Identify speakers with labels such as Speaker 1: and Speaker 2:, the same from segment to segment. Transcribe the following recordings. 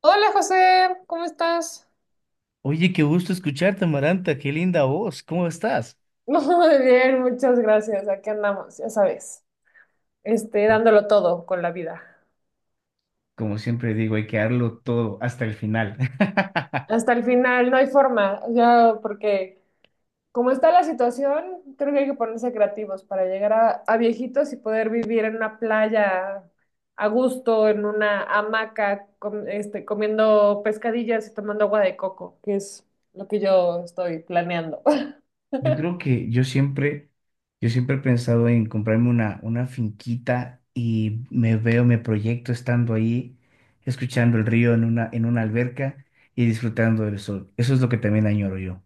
Speaker 1: Hola José, ¿cómo estás?
Speaker 2: Oye, qué gusto escucharte, Amaranta, qué linda voz, ¿cómo estás?
Speaker 1: Muy bien, muchas gracias. Aquí andamos, ya sabes, dándolo todo con la vida.
Speaker 2: Como siempre digo, hay que darlo todo hasta el final.
Speaker 1: Hasta el final, no hay forma, ya porque como está la situación, creo que hay que ponerse creativos para llegar a viejitos y poder vivir en una playa a gusto, en una hamaca, comiendo pescadillas y tomando agua de coco, que es lo que yo estoy planeando.
Speaker 2: Yo creo que yo siempre he pensado en comprarme una finquita y me proyecto estando ahí, escuchando el río en una alberca y disfrutando del sol. Eso es lo que también añoro yo.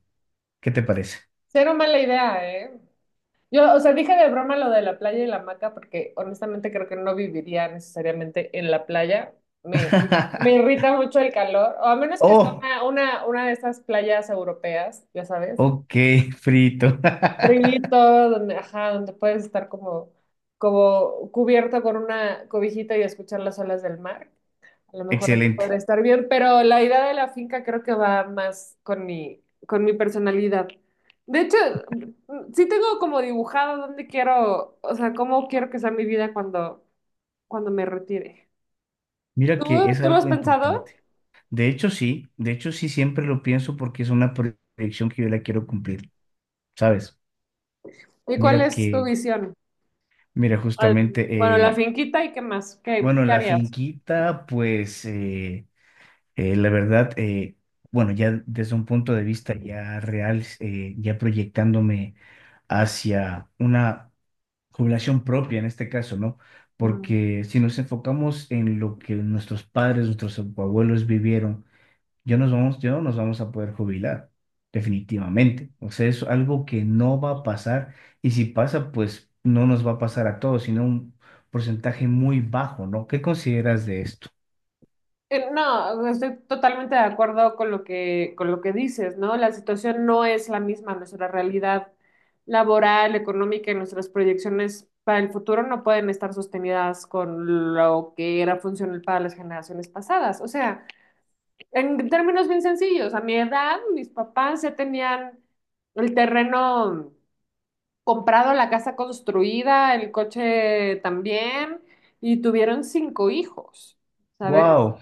Speaker 2: ¿Qué te parece?
Speaker 1: Cero mala idea, ¿eh? Yo, o sea, dije de broma lo de la playa y la hamaca porque honestamente creo que no viviría necesariamente en la playa. Me, me irrita mucho el calor, o a menos que sea
Speaker 2: Oh,
Speaker 1: una de esas playas europeas, ya sabes,
Speaker 2: ok, frito.
Speaker 1: frito, donde, ajá, donde puedes estar como cubierto con una cobijita y escuchar las olas del mar. A lo mejor eso
Speaker 2: Excelente.
Speaker 1: podría estar bien, pero la idea de la finca creo que va más con mi personalidad. De hecho, sí tengo como dibujado dónde quiero, o sea, cómo quiero que sea mi vida cuando me retire.
Speaker 2: Mira
Speaker 1: ¿Tú,
Speaker 2: que es
Speaker 1: tú lo has
Speaker 2: algo
Speaker 1: pensado?
Speaker 2: importante. De hecho, sí, siempre lo pienso porque es una proyección que yo la quiero cumplir, ¿sabes?
Speaker 1: ¿Y cuál
Speaker 2: Mira
Speaker 1: es tu
Speaker 2: que,
Speaker 1: visión?
Speaker 2: mira,
Speaker 1: Ah,
Speaker 2: justamente,
Speaker 1: bueno, la
Speaker 2: eh,
Speaker 1: finquita y qué más, ¿qué,
Speaker 2: bueno,
Speaker 1: qué
Speaker 2: la
Speaker 1: harías?
Speaker 2: finquita, pues, la verdad, bueno, ya desde un punto de vista ya real, ya proyectándome hacia una jubilación propia en este caso, ¿no?
Speaker 1: Mm.
Speaker 2: Porque si nos enfocamos en lo que nuestros padres, nuestros abuelos vivieron, yo no nos vamos a poder jubilar, definitivamente. O sea, es algo que no va a pasar y si pasa, pues no nos va a pasar a todos, sino un porcentaje muy bajo, ¿no? ¿Qué consideras de esto?
Speaker 1: No, estoy totalmente de acuerdo con con lo que dices, ¿no? La situación no es la misma, nuestra realidad laboral, económica y nuestras proyecciones para el futuro no pueden estar sostenidas con lo que era funcional para las generaciones pasadas. O sea, en términos bien sencillos, a mi edad, mis papás ya tenían el terreno comprado, la casa construida, el coche también, y tuvieron cinco hijos, ¿sabes?
Speaker 2: Wow,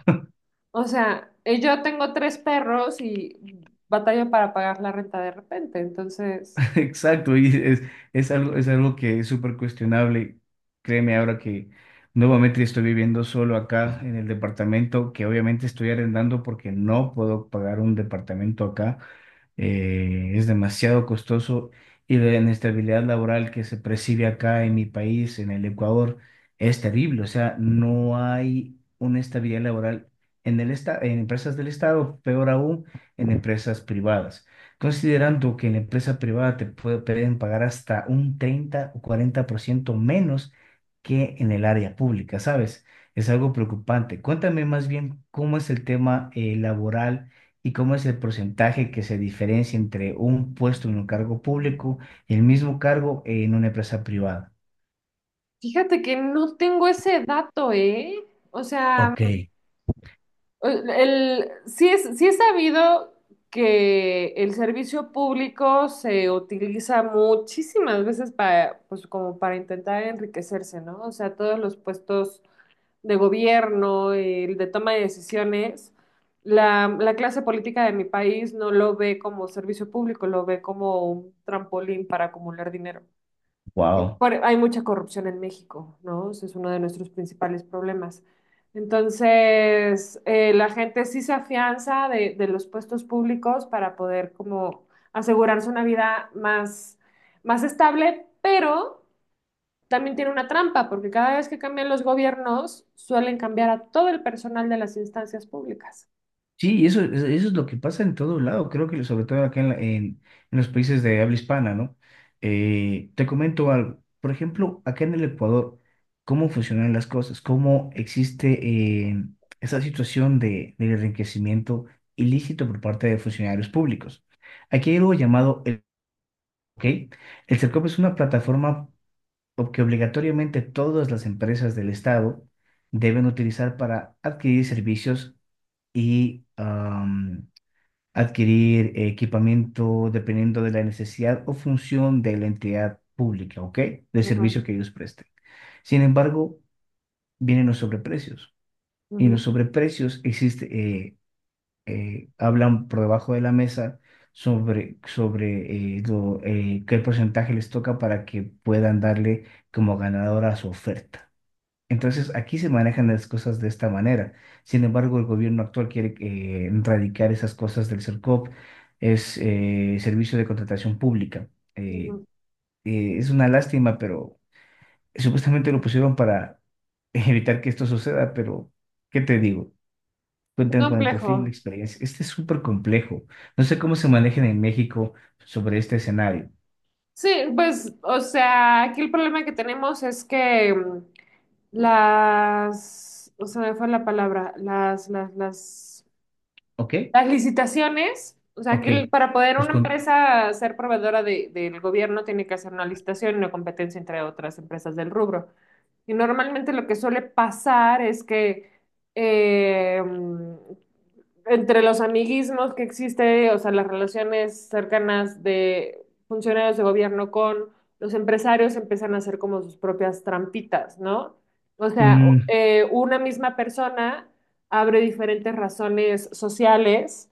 Speaker 1: O sea, yo tengo tres perros y batalla para pagar la renta de repente. Entonces,
Speaker 2: exacto, y es algo que es súper cuestionable. Créeme ahora que nuevamente estoy viviendo solo acá en el departamento, que obviamente estoy arrendando porque no puedo pagar un departamento acá, es demasiado costoso y la inestabilidad laboral que se percibe acá en mi país, en el Ecuador, es terrible. O sea, no hay una estabilidad laboral en empresas del Estado, peor aún en empresas privadas. Considerando que en la empresa privada pueden pagar hasta un 30 o 40% menos que en el área pública, ¿sabes? Es algo preocupante. Cuéntame más bien cómo es el tema laboral. ¿Y cómo es el porcentaje que se diferencia entre un puesto en un cargo público y el mismo cargo en una empresa privada?
Speaker 1: fíjate que no tengo ese dato, ¿eh? O sea,
Speaker 2: Ok.
Speaker 1: sí es sabido que el servicio público se utiliza muchísimas veces para, pues, como para intentar enriquecerse, ¿no? O sea, todos los puestos de gobierno, el de toma de decisiones, la clase política de mi país no lo ve como servicio público, lo ve como un trampolín para acumular dinero.
Speaker 2: Wow.
Speaker 1: Hay mucha corrupción en México, ¿no? Ese es uno de nuestros principales problemas. Entonces, la gente sí se afianza de los puestos públicos para poder como asegurarse una vida más estable, pero también tiene una trampa, porque cada vez que cambian los gobiernos, suelen cambiar a todo el personal de las instancias públicas.
Speaker 2: Sí, eso es lo que pasa en todo lado, creo que sobre todo acá en los países de habla hispana, ¿no? Te comento algo, por ejemplo, acá en el Ecuador, ¿cómo funcionan las cosas? ¿Cómo existe esa situación del enriquecimiento ilícito por parte de funcionarios públicos? Aquí hay algo llamado, ¿ok? El CERCOP es una plataforma que obligatoriamente todas las empresas del Estado deben utilizar para adquirir servicios y adquirir equipamiento dependiendo de la necesidad o función de la entidad pública, ¿ok? Del
Speaker 1: Ujú,
Speaker 2: servicio que ellos presten. Sin embargo, vienen los sobreprecios. Y en
Speaker 1: ujú,
Speaker 2: los sobreprecios eh, hablan por debajo de la mesa sobre qué porcentaje les toca para que puedan darle como ganadora a su oferta. Entonces, aquí se manejan las cosas de esta manera. Sin embargo, el gobierno actual quiere erradicar esas cosas del CERCOP, es Servicio de Contratación Pública. Eh,
Speaker 1: ujú.
Speaker 2: es una lástima, pero supuestamente lo pusieron para evitar que esto suceda, pero ¿qué te digo?
Speaker 1: Es
Speaker 2: Cuentan con el perfil, la
Speaker 1: complejo.
Speaker 2: experiencia. Este es súper complejo. No sé cómo se manejan en México sobre este escenario.
Speaker 1: Sí, pues, o sea, aquí el problema que tenemos es que o sea, me fue la palabra,
Speaker 2: ¿Ok?
Speaker 1: las licitaciones, o sea, que
Speaker 2: Ok.
Speaker 1: para poder
Speaker 2: Pues
Speaker 1: una
Speaker 2: con...
Speaker 1: empresa ser proveedora del gobierno tiene que hacer una licitación y una competencia entre otras empresas del rubro. Y normalmente lo que suele pasar es que eh, entre los amiguismos que existe, o sea, las relaciones cercanas de funcionarios de gobierno con los empresarios empiezan a hacer como sus propias trampitas, ¿no? O sea,
Speaker 2: mm,
Speaker 1: una misma persona abre diferentes razones sociales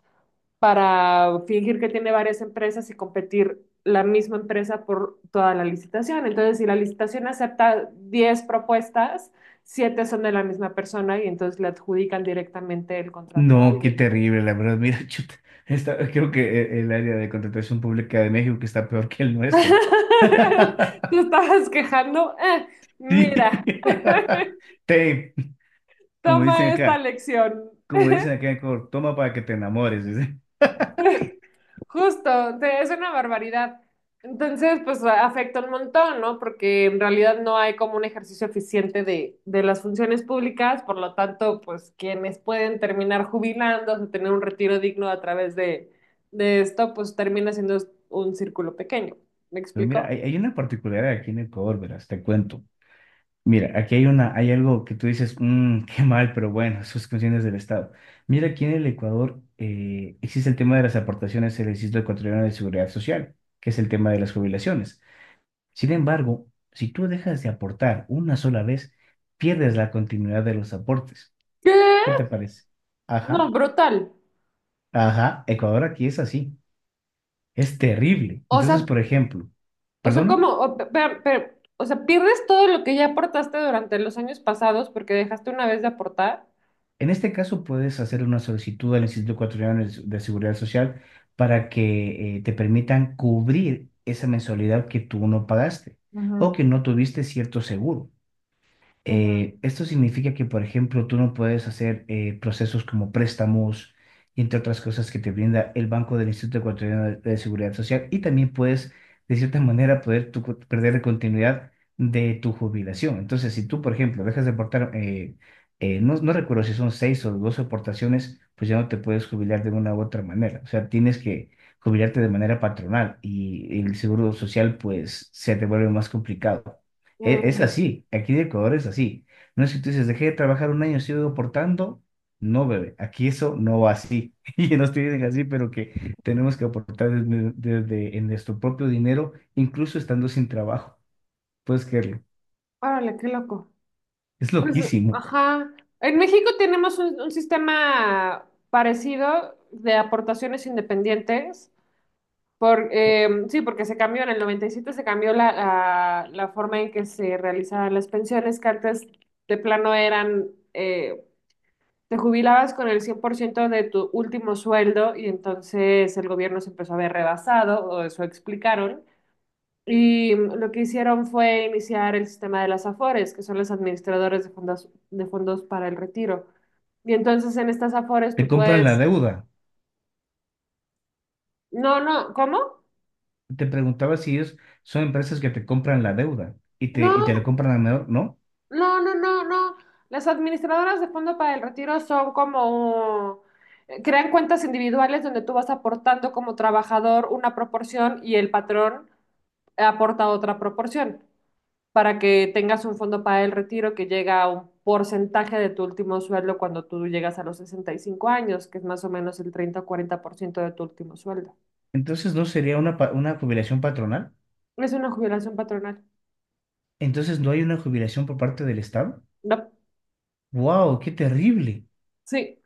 Speaker 1: para fingir que tiene varias empresas y competir la misma empresa por toda la licitación. Entonces, si la licitación acepta 10 propuestas, 7 son de la misma persona y entonces le adjudican directamente el contrato a
Speaker 2: no, qué
Speaker 1: alguien.
Speaker 2: terrible, la verdad. Mira, chuta, creo que el área de contratación pública de México que está peor que el nuestro.
Speaker 1: Tú estabas quejando,
Speaker 2: Sí.
Speaker 1: mira,
Speaker 2: Te, como dicen
Speaker 1: toma esta
Speaker 2: acá,
Speaker 1: lección.
Speaker 2: como dicen acá en Ecuador, toma para que te enamores. dice.
Speaker 1: Justo, o sea, es una barbaridad. Entonces, pues afecta un montón, ¿no? Porque en realidad no hay como un ejercicio eficiente de las funciones públicas, por lo tanto, pues quienes pueden terminar jubilándose, tener un retiro digno a través de esto, pues termina siendo un círculo pequeño. ¿Me
Speaker 2: Pero mira,
Speaker 1: explico?
Speaker 2: hay una particularidad aquí en Ecuador, verás, te cuento. Mira, aquí hay algo que tú dices, "Mm, qué mal, pero bueno, sus funciones del Estado. Mira, aquí en el Ecuador existe el tema de las aportaciones al Instituto Ecuatoriano de Seguridad Social, que es el tema de las jubilaciones. Sin embargo, si tú dejas de aportar una sola vez, pierdes la continuidad de los aportes. ¿Qué
Speaker 1: ¿Qué?
Speaker 2: te parece?
Speaker 1: No,
Speaker 2: Ajá,
Speaker 1: brutal.
Speaker 2: ajá, Ecuador aquí es así. Es terrible.
Speaker 1: O
Speaker 2: Entonces,
Speaker 1: sea,
Speaker 2: por ejemplo,
Speaker 1: o sea,
Speaker 2: ¿perdona?
Speaker 1: como, o, pe- pe- pe- o sea, pierdes todo lo que ya aportaste durante los años pasados porque dejaste una vez de aportar.
Speaker 2: En este caso, puedes hacer una solicitud al Instituto Ecuatoriano de Seguridad Social para que te permitan cubrir esa mensualidad que tú no pagaste
Speaker 1: Ujú,
Speaker 2: o que no tuviste cierto seguro.
Speaker 1: ujú.
Speaker 2: Esto significa que, por ejemplo, tú no puedes hacer procesos como préstamos y entre otras cosas que te brinda el Banco del Instituto Ecuatoriano de Seguridad Social y también puedes, de cierta manera, poder perder la continuidad de tu jubilación. Entonces, si tú, por ejemplo, dejas de aportar, no recuerdo si son seis o dos aportaciones, pues ya no te puedes jubilar de una u otra manera. O sea, tienes que jubilarte de manera patronal y el seguro social, pues, se te vuelve más complicado. Es
Speaker 1: Mm.
Speaker 2: así, aquí en Ecuador es así. No es que tú dices, dejé de trabajar un año, sigo aportando. No, bebé, aquí eso no va así. Y nos tienen así, pero que tenemos que aportar en nuestro propio dinero, incluso estando sin trabajo. Puedes creerlo.
Speaker 1: Órale, qué loco.
Speaker 2: Es
Speaker 1: Pues,
Speaker 2: loquísimo.
Speaker 1: ajá. En México tenemos un sistema parecido de aportaciones independientes. Sí, porque se cambió en el 97 se cambió la forma en que se realizaban las pensiones, que antes de plano eran, eh, te jubilabas con el 100% de tu último sueldo y entonces el gobierno se empezó a ver rebasado, o eso explicaron. Y lo que hicieron fue iniciar el sistema de las AFORES, que son los administradores de fondos, para el retiro. Y entonces en estas AFORES
Speaker 2: Te
Speaker 1: tú
Speaker 2: compran
Speaker 1: puedes...
Speaker 2: la deuda.
Speaker 1: No, no, ¿cómo?
Speaker 2: Te preguntaba si ellos son empresas que te compran la deuda y te la
Speaker 1: No,
Speaker 2: compran a menor, ¿no?
Speaker 1: no, no, no, no. Las administradoras de fondo para el retiro son como... crean cuentas individuales donde tú vas aportando como trabajador una proporción y el patrón aporta otra proporción. Para que tengas un fondo para el retiro que llega a un porcentaje de tu último sueldo cuando tú llegas a los 65 años, que es más o menos el 30 o 40% de tu último sueldo.
Speaker 2: Entonces, ¿no sería una jubilación patronal?
Speaker 1: Es una jubilación patronal.
Speaker 2: Entonces, ¿no hay una jubilación por parte del Estado?
Speaker 1: No,
Speaker 2: ¡Wow! ¡Qué terrible!
Speaker 1: sí,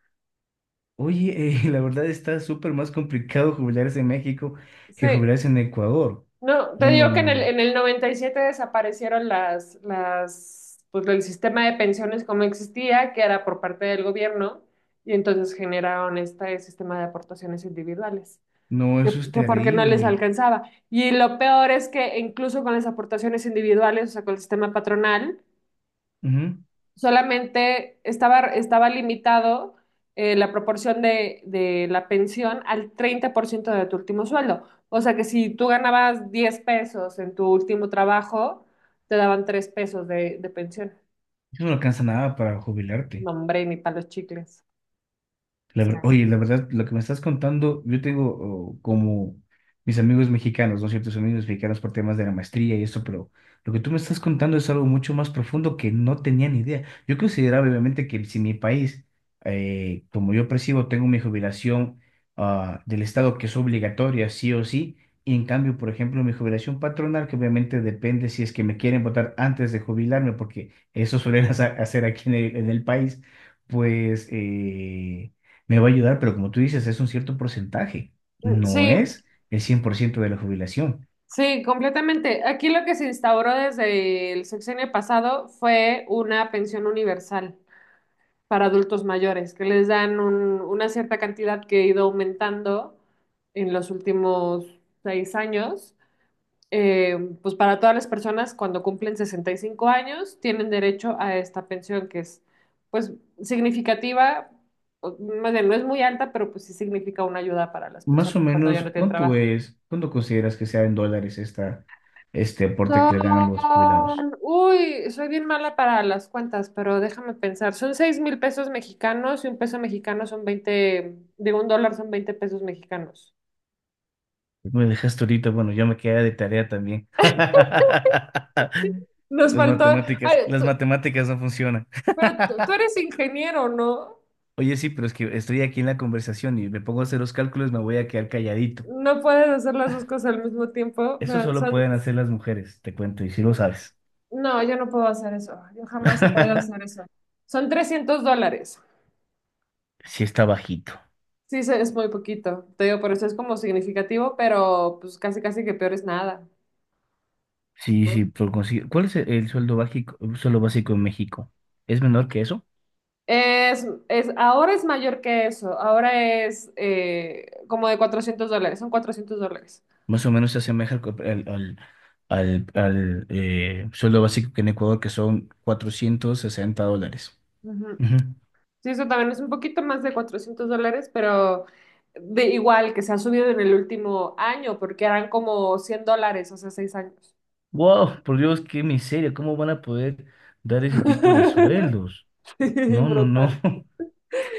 Speaker 2: Oye, la verdad está súper más complicado jubilarse en México
Speaker 1: sí.
Speaker 2: que jubilarse en Ecuador.
Speaker 1: No, te
Speaker 2: No, no,
Speaker 1: digo que en
Speaker 2: no,
Speaker 1: el,
Speaker 2: no.
Speaker 1: en el 97 desaparecieron pues el sistema de pensiones como existía, que era por parte del gobierno, y entonces generaron este sistema de aportaciones individuales.
Speaker 2: No, eso es
Speaker 1: Que porque no les
Speaker 2: terrible.
Speaker 1: alcanzaba. Y lo peor es que incluso con las aportaciones individuales, o sea, con el sistema patronal,
Speaker 2: Ujú.
Speaker 1: solamente estaba limitado la proporción de la pensión al 30% de tu último sueldo. O sea que si tú ganabas 10 pesos en tu último trabajo, te daban 3 pesos de pensión.
Speaker 2: Eso no alcanza nada para jubilarte.
Speaker 1: No, hombre, ni para los chicles. O
Speaker 2: La ver-
Speaker 1: sea,
Speaker 2: oye, la verdad, lo que me estás contando, yo tengo, oh, como mis amigos mexicanos, ¿no? Ciertos amigos mexicanos por temas de la maestría y eso, pero lo que tú me estás contando es algo mucho más profundo que no tenía ni idea. Yo consideraba, obviamente, que si mi país, como yo percibo, tengo mi jubilación, del Estado que es obligatoria, sí o sí, y en cambio, por ejemplo, mi jubilación patronal, que obviamente depende si es que me quieren votar antes de jubilarme, porque eso suelen hacer aquí en el país, pues, me va a ayudar, pero como tú dices, es un cierto porcentaje, no
Speaker 1: sí,
Speaker 2: es el 100% de la jubilación.
Speaker 1: sí, completamente. Aquí lo que se instauró desde el sexenio pasado fue una pensión universal para adultos mayores, que les dan una cierta cantidad que ha ido aumentando en los últimos 6 años. Pues para todas las personas cuando cumplen 65 años tienen derecho a esta pensión que es, pues, significativa, o, más bien, no es muy alta, pero pues sí significa una ayuda para las
Speaker 2: Más o
Speaker 1: personas cuando ya
Speaker 2: menos,
Speaker 1: no tienen trabajo.
Speaker 2: cuánto consideras que sea en dólares este aporte que
Speaker 1: Son,
Speaker 2: le dan a los jubilados?
Speaker 1: uy, soy bien mala para las cuentas, pero déjame pensar. Son 6,000 pesos mexicanos y un peso mexicano son veinte, digo, un dólar son 20 pesos mexicanos.
Speaker 2: Me dejaste ahorita, bueno, yo me queda de tarea también.
Speaker 1: Nos
Speaker 2: Las
Speaker 1: faltó,
Speaker 2: matemáticas,
Speaker 1: ay,
Speaker 2: las matemáticas no funcionan.
Speaker 1: pero tú eres ingeniero, ¿no?
Speaker 2: Oye, sí, pero es que estoy aquí en la conversación y me pongo a hacer los cálculos, me voy a quedar calladito.
Speaker 1: No puedes hacer las dos cosas al mismo tiempo.
Speaker 2: Eso
Speaker 1: Pero
Speaker 2: solo pueden hacer las mujeres, te cuento, y si lo sabes.
Speaker 1: no, yo no puedo hacer eso. Yo jamás he podido hacer eso. Son 300 dólares.
Speaker 2: Sí está bajito.
Speaker 1: Sí, es muy poquito. Te digo, por eso es como significativo, pero pues casi casi que peor es nada.
Speaker 2: Sí, sí, por conseguir. ¿Cuál es el sueldo básico en México? ¿Es menor que eso?
Speaker 1: Ahora es mayor que eso, ahora es como de 400 dólares, son 400 dólares.
Speaker 2: Más o menos se asemeja al, co- al, al- al- al, sueldo básico que en Ecuador, que son 460 dólares.
Speaker 1: Ujú.
Speaker 2: Ujú.
Speaker 1: Sí, eso también es un poquito más de 400 dólares, pero de igual que se ha subido en el último año, porque eran como 100 dólares hace 6 años.
Speaker 2: Wow, por Dios, qué miseria. ¿Cómo van a poder dar ese tipo de sueldos?
Speaker 1: Sí,
Speaker 2: No, no, no.
Speaker 1: brutal.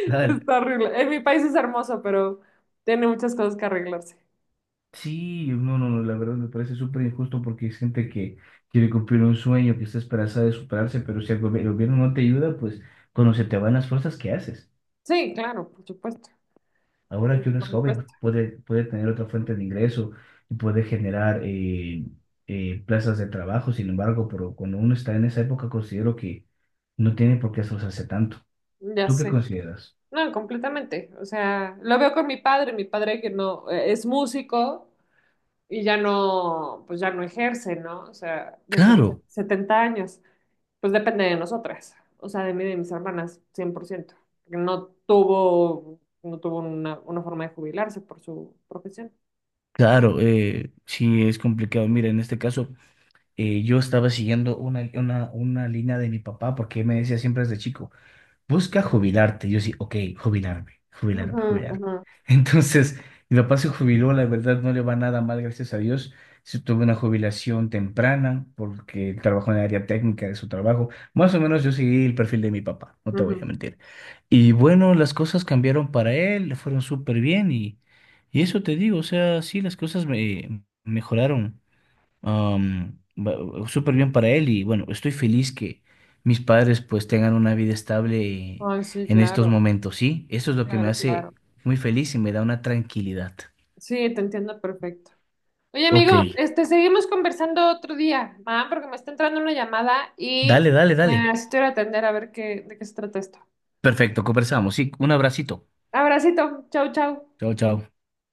Speaker 2: Tal.
Speaker 1: Está horrible. En mi país es hermoso, pero tiene muchas cosas que arreglarse.
Speaker 2: Sí, no, no, no. La verdad me parece súper injusto porque es gente que quiere cumplir un sueño, que está esperanzada de superarse, pero si el gobierno no te ayuda, pues cuando se te van las fuerzas, ¿qué haces?
Speaker 1: Sí, claro, por supuesto.
Speaker 2: Ahora que uno
Speaker 1: Por
Speaker 2: es joven,
Speaker 1: supuesto,
Speaker 2: puede tener otra fuente de ingreso y puede generar plazas de trabajo. Sin embargo, pero cuando uno está en esa época, considero que no tiene por qué esforzarse tanto.
Speaker 1: ya
Speaker 2: ¿Tú qué
Speaker 1: sé.
Speaker 2: consideras?
Speaker 1: No, completamente. O sea, lo veo con mi padre que no es músico y ya no, pues ya no ejerce, ¿no? O sea, ya tiene
Speaker 2: Claro,
Speaker 1: 70 años. Pues depende de nosotras, o sea, de mí y de mis hermanas, 100%, porque no tuvo una forma de jubilarse por su profesión.
Speaker 2: claro, sí es complicado. Mira, en este caso, yo estaba siguiendo una línea de mi papá porque él me decía siempre desde chico. Busca jubilarte. Y yo sí, ok, jubilarme, jubilarme,
Speaker 1: Ujú,
Speaker 2: jubilarme.
Speaker 1: ujú,
Speaker 2: Entonces, mi papá se jubiló, la verdad no le va nada mal, gracias a Dios. Sí tuvo una jubilación temprana porque él trabajó en el área técnica de su trabajo. Más o menos yo seguí el perfil de mi papá, no te voy a
Speaker 1: ujú.
Speaker 2: mentir. Y bueno, las cosas cambiaron para él, le fueron súper bien y eso te digo, o sea, sí, las cosas me mejoraron. Am, ba- Súper bien para él y bueno, estoy feliz que mis padres pues tengan una vida estable
Speaker 1: Ay, sí,
Speaker 2: en estos
Speaker 1: claro,
Speaker 2: momentos, ¿sí? Eso es lo que me
Speaker 1: claro, claro.
Speaker 2: hace muy feliz y me da una tranquilidad.
Speaker 1: Sí, te entiendo perfecto. Oye,
Speaker 2: Ok,
Speaker 1: amigo, seguimos conversando otro día, ¿va? Porque me está entrando una llamada y
Speaker 2: dale, dale, dale.
Speaker 1: así te voy a atender a ver de qué se trata esto.
Speaker 2: Perfecto, conversamos, sí, un abracito.
Speaker 1: Abracito, chau, chau.
Speaker 2: Chao, chao.